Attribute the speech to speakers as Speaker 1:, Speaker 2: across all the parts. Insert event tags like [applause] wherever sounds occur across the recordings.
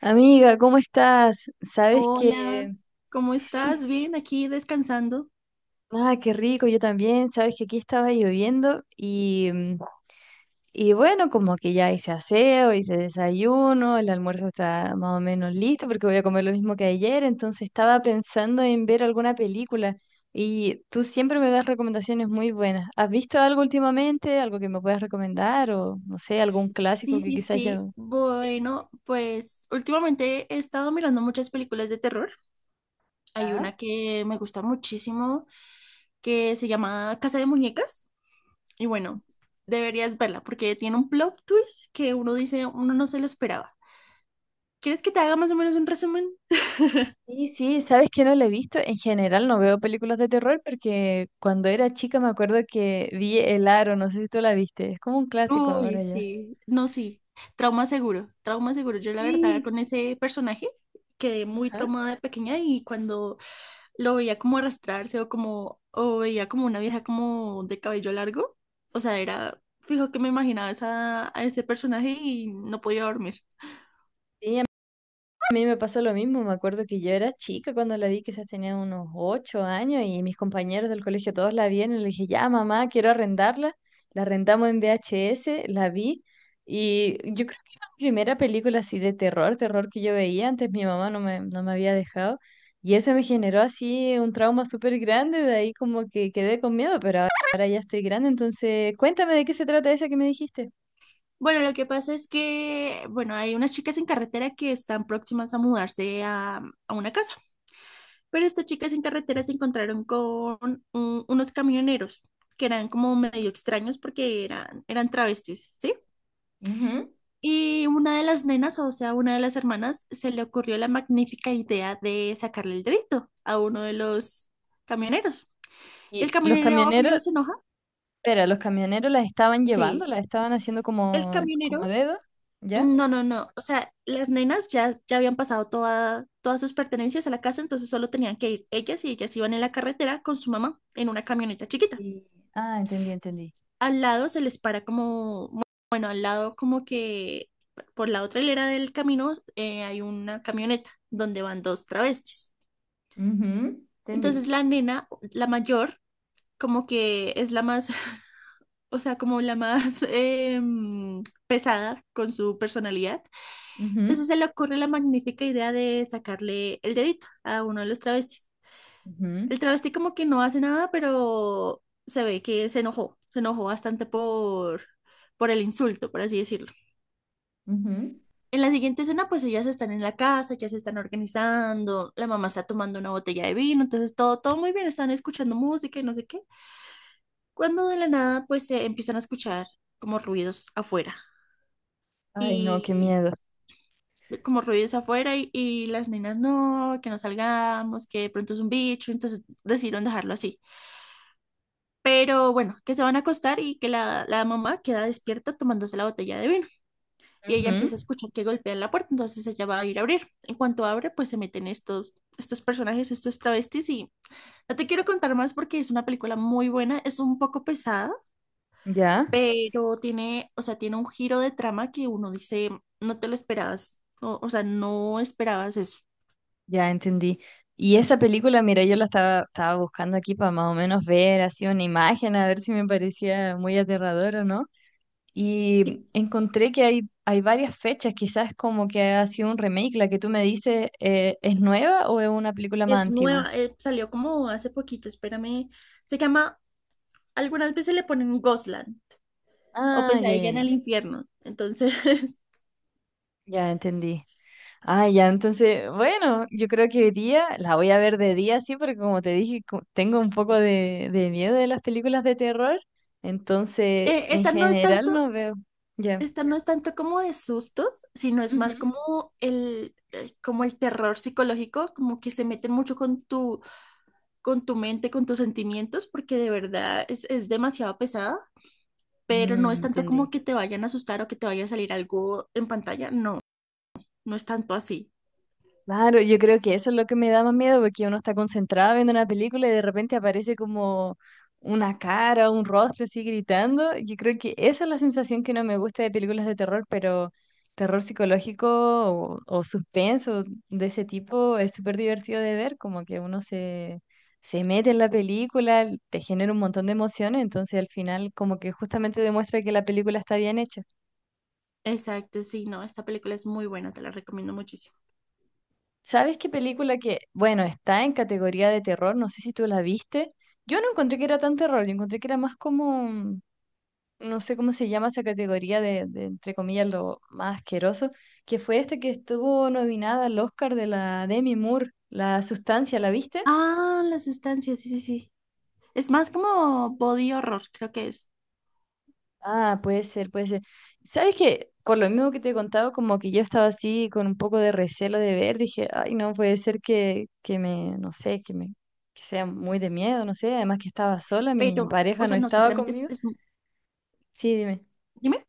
Speaker 1: Amiga, ¿cómo estás? Sabes
Speaker 2: Hola,
Speaker 1: que...
Speaker 2: ¿cómo estás?
Speaker 1: [laughs]
Speaker 2: Bien, aquí descansando.
Speaker 1: Ah, qué rico, yo también. Sabes que aquí estaba lloviendo y bueno, como que ya hice aseo, hice desayuno, el almuerzo está más o menos listo porque voy a comer lo mismo que ayer, entonces estaba pensando en ver alguna película y tú siempre me das recomendaciones muy buenas. ¿Has visto algo últimamente? ¿Algo que me puedas recomendar o no sé, algún clásico
Speaker 2: Sí,
Speaker 1: que
Speaker 2: sí,
Speaker 1: quizás ya...
Speaker 2: sí.
Speaker 1: Dime.
Speaker 2: Bueno, pues últimamente he estado mirando muchas películas de terror. Hay
Speaker 1: ¿Ya?
Speaker 2: una que me gusta muchísimo que se llama Casa de Muñecas. Y bueno, deberías verla porque tiene un plot twist que uno dice, uno no se lo esperaba. ¿Quieres que te haga más o menos un resumen?
Speaker 1: Sí, sí, sabes que no la he visto. En general no veo películas de terror porque cuando era chica me acuerdo que vi El Aro, no sé si tú la viste. Es como un clásico
Speaker 2: Uy,
Speaker 1: ahora ya.
Speaker 2: sí, no, sí, trauma seguro, trauma seguro. Yo la verdad
Speaker 1: Sí.
Speaker 2: con ese personaje quedé muy
Speaker 1: Ajá.
Speaker 2: traumada de pequeña y cuando lo veía como arrastrarse o como, o veía como una vieja como de cabello largo, o sea, era, fijo que me imaginaba esa, a ese personaje y no podía dormir.
Speaker 1: Sí, a mí me pasó lo mismo, me acuerdo que yo era chica cuando la vi, quizás tenía unos 8 años y mis compañeros del colegio todos la vieron y le dije, ya mamá, quiero arrendarla. La arrendamos en VHS, la vi y yo creo que era la primera película así de terror, terror que yo veía, antes mi mamá no me había dejado y eso me generó así un trauma súper grande, de ahí como que quedé con miedo, pero ahora, ahora ya estoy grande, entonces cuéntame de qué se trata esa que me dijiste.
Speaker 2: Bueno, lo que pasa es que, bueno, hay unas chicas en carretera que están próximas a mudarse a una casa. Pero estas chicas en carretera se encontraron con unos camioneros que eran como medio extraños porque eran, eran travestis, ¿sí?
Speaker 1: Ujú.
Speaker 2: Y una de las nenas, o sea, una de las hermanas, se le ocurrió la magnífica idea de sacarle el dedito a uno de los camioneros. Y el
Speaker 1: Y los
Speaker 2: camionero, obvio,
Speaker 1: camioneros,
Speaker 2: se enoja.
Speaker 1: Pero los camioneros las estaban llevando,
Speaker 2: Sí.
Speaker 1: las estaban haciendo
Speaker 2: El
Speaker 1: como
Speaker 2: camionero,
Speaker 1: dedo, ¿ya?
Speaker 2: no, no, no. O sea, las nenas ya, ya habían pasado toda, todas sus pertenencias a la casa, entonces solo tenían que ir ellas y ellas iban en la carretera con su mamá en una camioneta chiquita.
Speaker 1: Y- Ah, entendí, entendí.
Speaker 2: Al lado se les para como, bueno, al lado como que por la otra hilera del camino hay una camioneta donde van dos travestis.
Speaker 1: Ujú,
Speaker 2: Entonces
Speaker 1: entendí.
Speaker 2: la nena, la mayor, como que es la más, [laughs] o sea, como la más pesada con su personalidad.
Speaker 1: Ujú,
Speaker 2: Entonces se le ocurre la magnífica idea de sacarle el dedito a uno de los travestis.
Speaker 1: ujú,
Speaker 2: El travesti como que no hace nada, pero se ve que se enojó bastante por el insulto, por así decirlo.
Speaker 1: ujú.
Speaker 2: En la siguiente escena, pues ellas están en la casa, ya se están organizando, la mamá está tomando una botella de vino, entonces todo, todo muy bien, están escuchando música y no sé qué. Cuando de la nada, pues se empiezan a escuchar como ruidos afuera
Speaker 1: Ay, no, qué
Speaker 2: y
Speaker 1: miedo.
Speaker 2: como ruidos afuera y las nenas no, que no salgamos, que de pronto es un bicho, entonces decidieron dejarlo así. Pero bueno, que se van a acostar y que la mamá queda despierta tomándose la botella de vino. Y ella
Speaker 1: Ujú,
Speaker 2: empieza a escuchar que golpean la puerta, entonces ella va a ir a abrir. En cuanto abre, pues se meten estos, estos personajes, estos travestis y no te quiero contar más porque es una película muy buena, es un poco pesada,
Speaker 1: ya,
Speaker 2: pero tiene, o sea, tiene un giro de trama que uno dice, no te lo esperabas, no, o sea, no esperabas eso.
Speaker 1: ya entendí. Y esa película, mira, yo la estaba buscando aquí para más o menos ver así una imagen, a ver si me parecía muy aterradora, ¿no? Y encontré que hay varias fechas, quizás como que ha sido un remake, la que tú me dices, ¿es nueva o es una película más
Speaker 2: Es
Speaker 1: antigua?
Speaker 2: nueva, salió como hace poquito, espérame, se llama, algunas veces le ponen Gosland o
Speaker 1: Ah, ya,
Speaker 2: pesadilla
Speaker 1: ya,
Speaker 2: en
Speaker 1: ya,
Speaker 2: el infierno, entonces… [laughs]
Speaker 1: ya entendí. Ah, ya, entonces, bueno, yo creo que hoy día la voy a ver de día, sí, porque como te dije, tengo un poco de miedo de las películas de terror, entonces en
Speaker 2: Esta no es
Speaker 1: general
Speaker 2: tanto.
Speaker 1: no veo. Ya.
Speaker 2: Esta no es tanto como de sustos, sino es más
Speaker 1: Ujú.
Speaker 2: como el terror psicológico, como que se meten mucho con tu mente, con tus sentimientos, porque de verdad es demasiado pesada, pero no es
Speaker 1: Mm,
Speaker 2: tanto como
Speaker 1: entendí.
Speaker 2: que te vayan a asustar o que te vaya a salir algo en pantalla, no, no es tanto así.
Speaker 1: Claro, yo creo que eso es lo que me da más miedo, porque uno está concentrado viendo una película y de repente aparece como una cara, un rostro así gritando. Yo creo que esa es la sensación que no me gusta de películas de terror, pero terror psicológico o suspenso de ese tipo es súper divertido de ver, como que uno se, se mete en la película, te genera un montón de emociones, entonces al final como que justamente demuestra que la película está bien hecha.
Speaker 2: Exacto, sí, no, esta película es muy buena, te la recomiendo muchísimo.
Speaker 1: ¿Sabes qué película que, bueno, está en categoría de terror? No sé si tú la viste. Yo no encontré que era tan terror, yo encontré que era más como, no sé cómo se llama esa categoría de, entre comillas, lo más asqueroso, que fue este que estuvo nominada al Oscar de la Demi Moore, La Sustancia, ¿la viste?
Speaker 2: Ah, la sustancia, sí, sí, sí. Es más como body horror, creo que es.
Speaker 1: Ah, puede ser, puede ser. ¿Sabes qué? Por lo mismo que te he contado, como que yo estaba así con un poco de recelo de ver, dije, ay, no puede ser que me, no sé, que me, que sea muy de miedo, no sé, además que estaba sola,
Speaker 2: Pero,
Speaker 1: mi
Speaker 2: o
Speaker 1: pareja no
Speaker 2: sea, no,
Speaker 1: estaba
Speaker 2: sinceramente es,
Speaker 1: conmigo.
Speaker 2: es...
Speaker 1: Sí, dime.
Speaker 2: dime.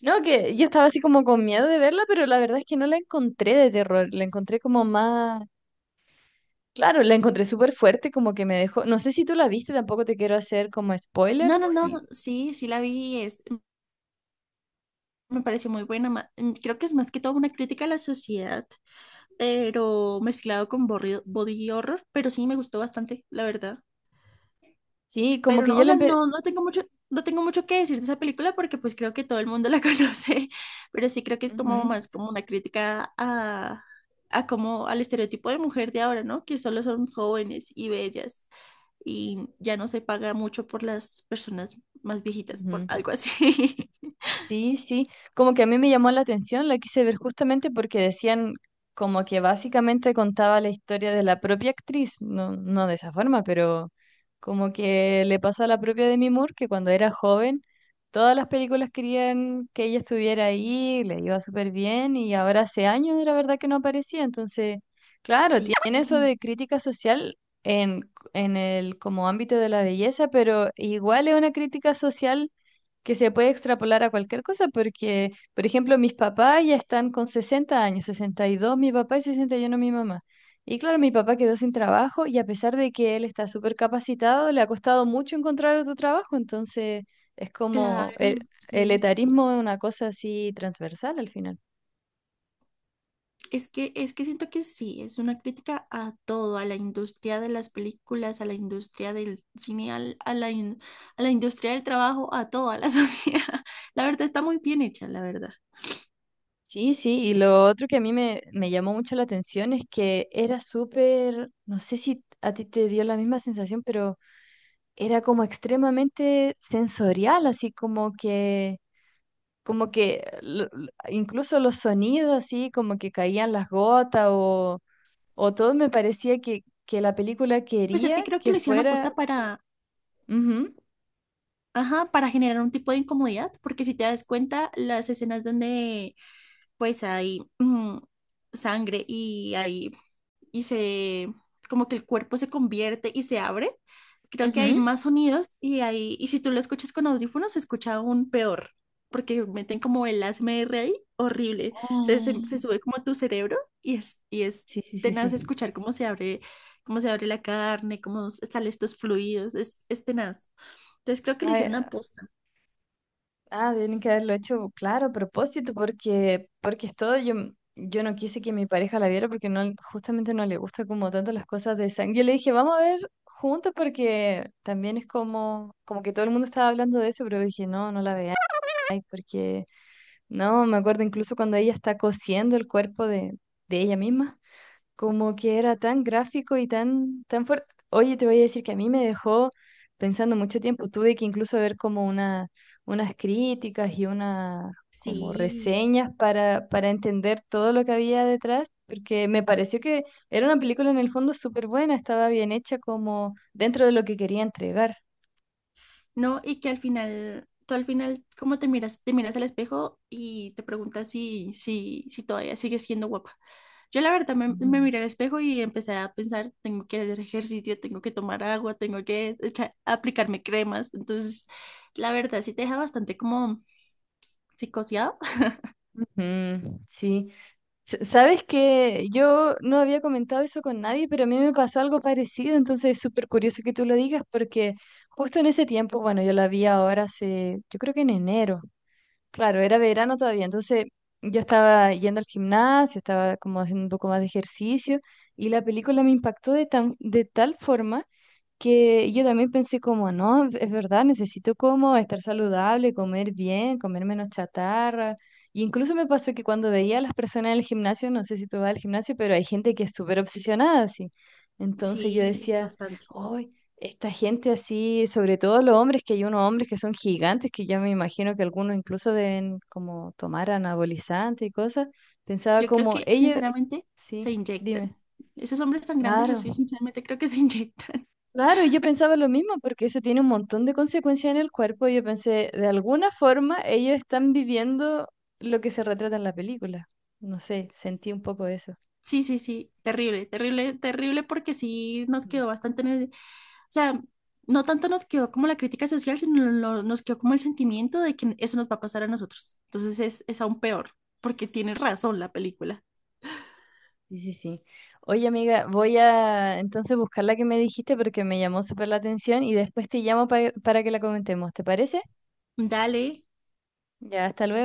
Speaker 1: No, que yo estaba así como con miedo de verla, pero la verdad es que no la encontré de terror, la encontré como más, claro, la encontré súper fuerte, como que me dejó, no sé si tú la viste, tampoco te quiero hacer como spoiler,
Speaker 2: No, no, no,
Speaker 1: sí,
Speaker 2: sí, sí la vi, es, me pareció muy buena. Creo que es más que todo una crítica a la sociedad, pero mezclado con body horror, pero sí me gustó bastante, la verdad.
Speaker 1: sí, como
Speaker 2: Pero
Speaker 1: que
Speaker 2: no, o
Speaker 1: yo la
Speaker 2: sea,
Speaker 1: empecé...
Speaker 2: no, no tengo mucho, no tengo mucho que decir de esa película porque pues creo que todo el mundo la [laughs] conoce, pero sí creo que es como más como una crítica a como al estereotipo de mujer de ahora, ¿no? Que solo son jóvenes y bellas y ya no se paga mucho por las personas más viejitas, por algo así. [laughs]
Speaker 1: Sí, sí, como que a mí me llamó la atención, la quise ver justamente porque decían como que básicamente contaba la historia de la propia actriz, no, no de esa forma, pero como que le pasó a la propia Demi Moore que cuando era joven todas las películas querían que ella estuviera ahí, le iba súper bien y ahora hace años la verdad que no aparecía, entonces, claro,
Speaker 2: Sí,
Speaker 1: tiene eso de crítica social en el como ámbito de la belleza, pero igual es una crítica social que se puede extrapolar a cualquier cosa, porque, por ejemplo, mis papás ya están con 60 años, 62 mi papá y 61 mi mamá. Y claro, mi papá quedó sin trabajo y a pesar de que él está súper capacitado, le ha costado mucho encontrar otro trabajo, entonces es como el,
Speaker 2: claro,
Speaker 1: el
Speaker 2: sí.
Speaker 1: etarismo es una cosa así transversal al final.
Speaker 2: Es que siento que sí, es una crítica a todo, a la industria de las películas, a la industria del cine, a la industria del trabajo, a toda la [laughs] sociedad. La verdad está muy bien hecha, la verdad.
Speaker 1: Sí, sí, y lo otro que a mí me llamó mucho la atención es que era súper, no sé si a ti te dio la misma sensación, pero era como extremadamente sensorial, así como que incluso los sonidos, así como que caían las gotas o todo me parecía que la película
Speaker 2: Pues es
Speaker 1: quería
Speaker 2: que creo que
Speaker 1: que
Speaker 2: lo hicieron
Speaker 1: fuera...
Speaker 2: aposta para,
Speaker 1: Ujú,
Speaker 2: ajá, para generar un tipo de incomodidad, porque si te das cuenta, las escenas donde pues hay sangre y hay, y se, como que el cuerpo se convierte y se abre. Creo que hay
Speaker 1: ujú.
Speaker 2: más sonidos y hay, y si tú lo escuchas con audífonos, se escucha aún peor, porque meten como el ASMR ahí, horrible. Se, se,
Speaker 1: Ah,
Speaker 2: se sube como a tu cerebro y es
Speaker 1: sí, sí, sí,
Speaker 2: tenaz
Speaker 1: sí.
Speaker 2: escuchar cómo se abre la carne, salen estos fluidos, es tenaz. Entonces creo que lo
Speaker 1: Ay,
Speaker 2: hicieron a posta.
Speaker 1: ah, tienen que haberlo hecho, claro, a propósito, porque, es todo. Yo no quise que mi pareja la viera porque no, justamente no le gusta como tanto las cosas de sangre. Yo le dije, vamos a ver juntos porque también es como, como que todo el mundo estaba hablando de eso, pero dije, no, no la veáis, porque no, me acuerdo incluso cuando ella está cosiendo el cuerpo de ella misma como que era tan gráfico y tan, tan fuerte. Oye, te voy a decir que a mí me dejó pensando mucho tiempo. Tuve que incluso ver como unas críticas y una como
Speaker 2: Sí.
Speaker 1: reseñas para entender todo lo que había detrás, porque me pareció que era una película en el fondo súper buena, estaba bien hecha como dentro de lo que quería entregar.
Speaker 2: No, y que al final, tú al final, ¿cómo te miras? Te miras al espejo y te preguntas si, si, si todavía sigues siendo guapa. Yo la verdad me, me
Speaker 1: Ujú.
Speaker 2: miré al espejo y empecé a pensar, tengo que hacer ejercicio, tengo que tomar agua, tengo que aplicarme cremas. Entonces, la verdad sí te deja bastante como psicoseado. [laughs]
Speaker 1: Ujú, sí, sabes que yo no había comentado eso con nadie, pero a mí me pasó algo parecido, entonces es súper curioso que tú lo digas porque justo en ese tiempo, bueno, yo la vi ahora hace, yo creo que en enero, claro, era verano todavía, entonces yo estaba yendo al gimnasio, estaba como haciendo un poco más de ejercicio y la película me impactó de tal forma que yo también pensé como, no, es verdad, necesito como estar saludable, comer bien, comer menos chatarra. Y incluso me pasó que cuando veía a las personas en el gimnasio, no sé si tú vas al gimnasio, pero hay gente que es súper obsesionada así. Entonces yo
Speaker 2: Sí,
Speaker 1: decía,
Speaker 2: bastante.
Speaker 1: uy, esta gente así, sobre todo los hombres, que hay unos hombres que son gigantes, que yo me imagino que algunos incluso deben como tomar anabolizante y cosas. Pensaba
Speaker 2: Yo creo
Speaker 1: como,
Speaker 2: que
Speaker 1: ellos,
Speaker 2: sinceramente
Speaker 1: sí,
Speaker 2: se inyectan.
Speaker 1: dime,
Speaker 2: Esos hombres tan grandes, yo soy
Speaker 1: claro.
Speaker 2: sinceramente creo que se [laughs] inyectan.
Speaker 1: Claro, y yo pensaba lo mismo, porque eso tiene un montón de consecuencias en el cuerpo. Y yo pensé, de alguna forma, ellos están viviendo lo que se retrata en la película. No sé, sentí un poco eso.
Speaker 2: Sí, sí, sí, terrible, terrible, terrible porque sí nos
Speaker 1: Mm.
Speaker 2: quedó bastante en el- O sea, no tanto nos quedó como la crítica social, sino nos quedó como el sentimiento de que eso nos va a pasar a nosotros. Entonces es aún peor, porque tiene razón la película.
Speaker 1: Sí, sí, sí. Oye, amiga, voy a entonces buscar la que me dijiste porque me llamó súper la atención y después te llamo para que la comentemos. ¿Te parece?
Speaker 2: Dale,
Speaker 1: Ya, hasta luego.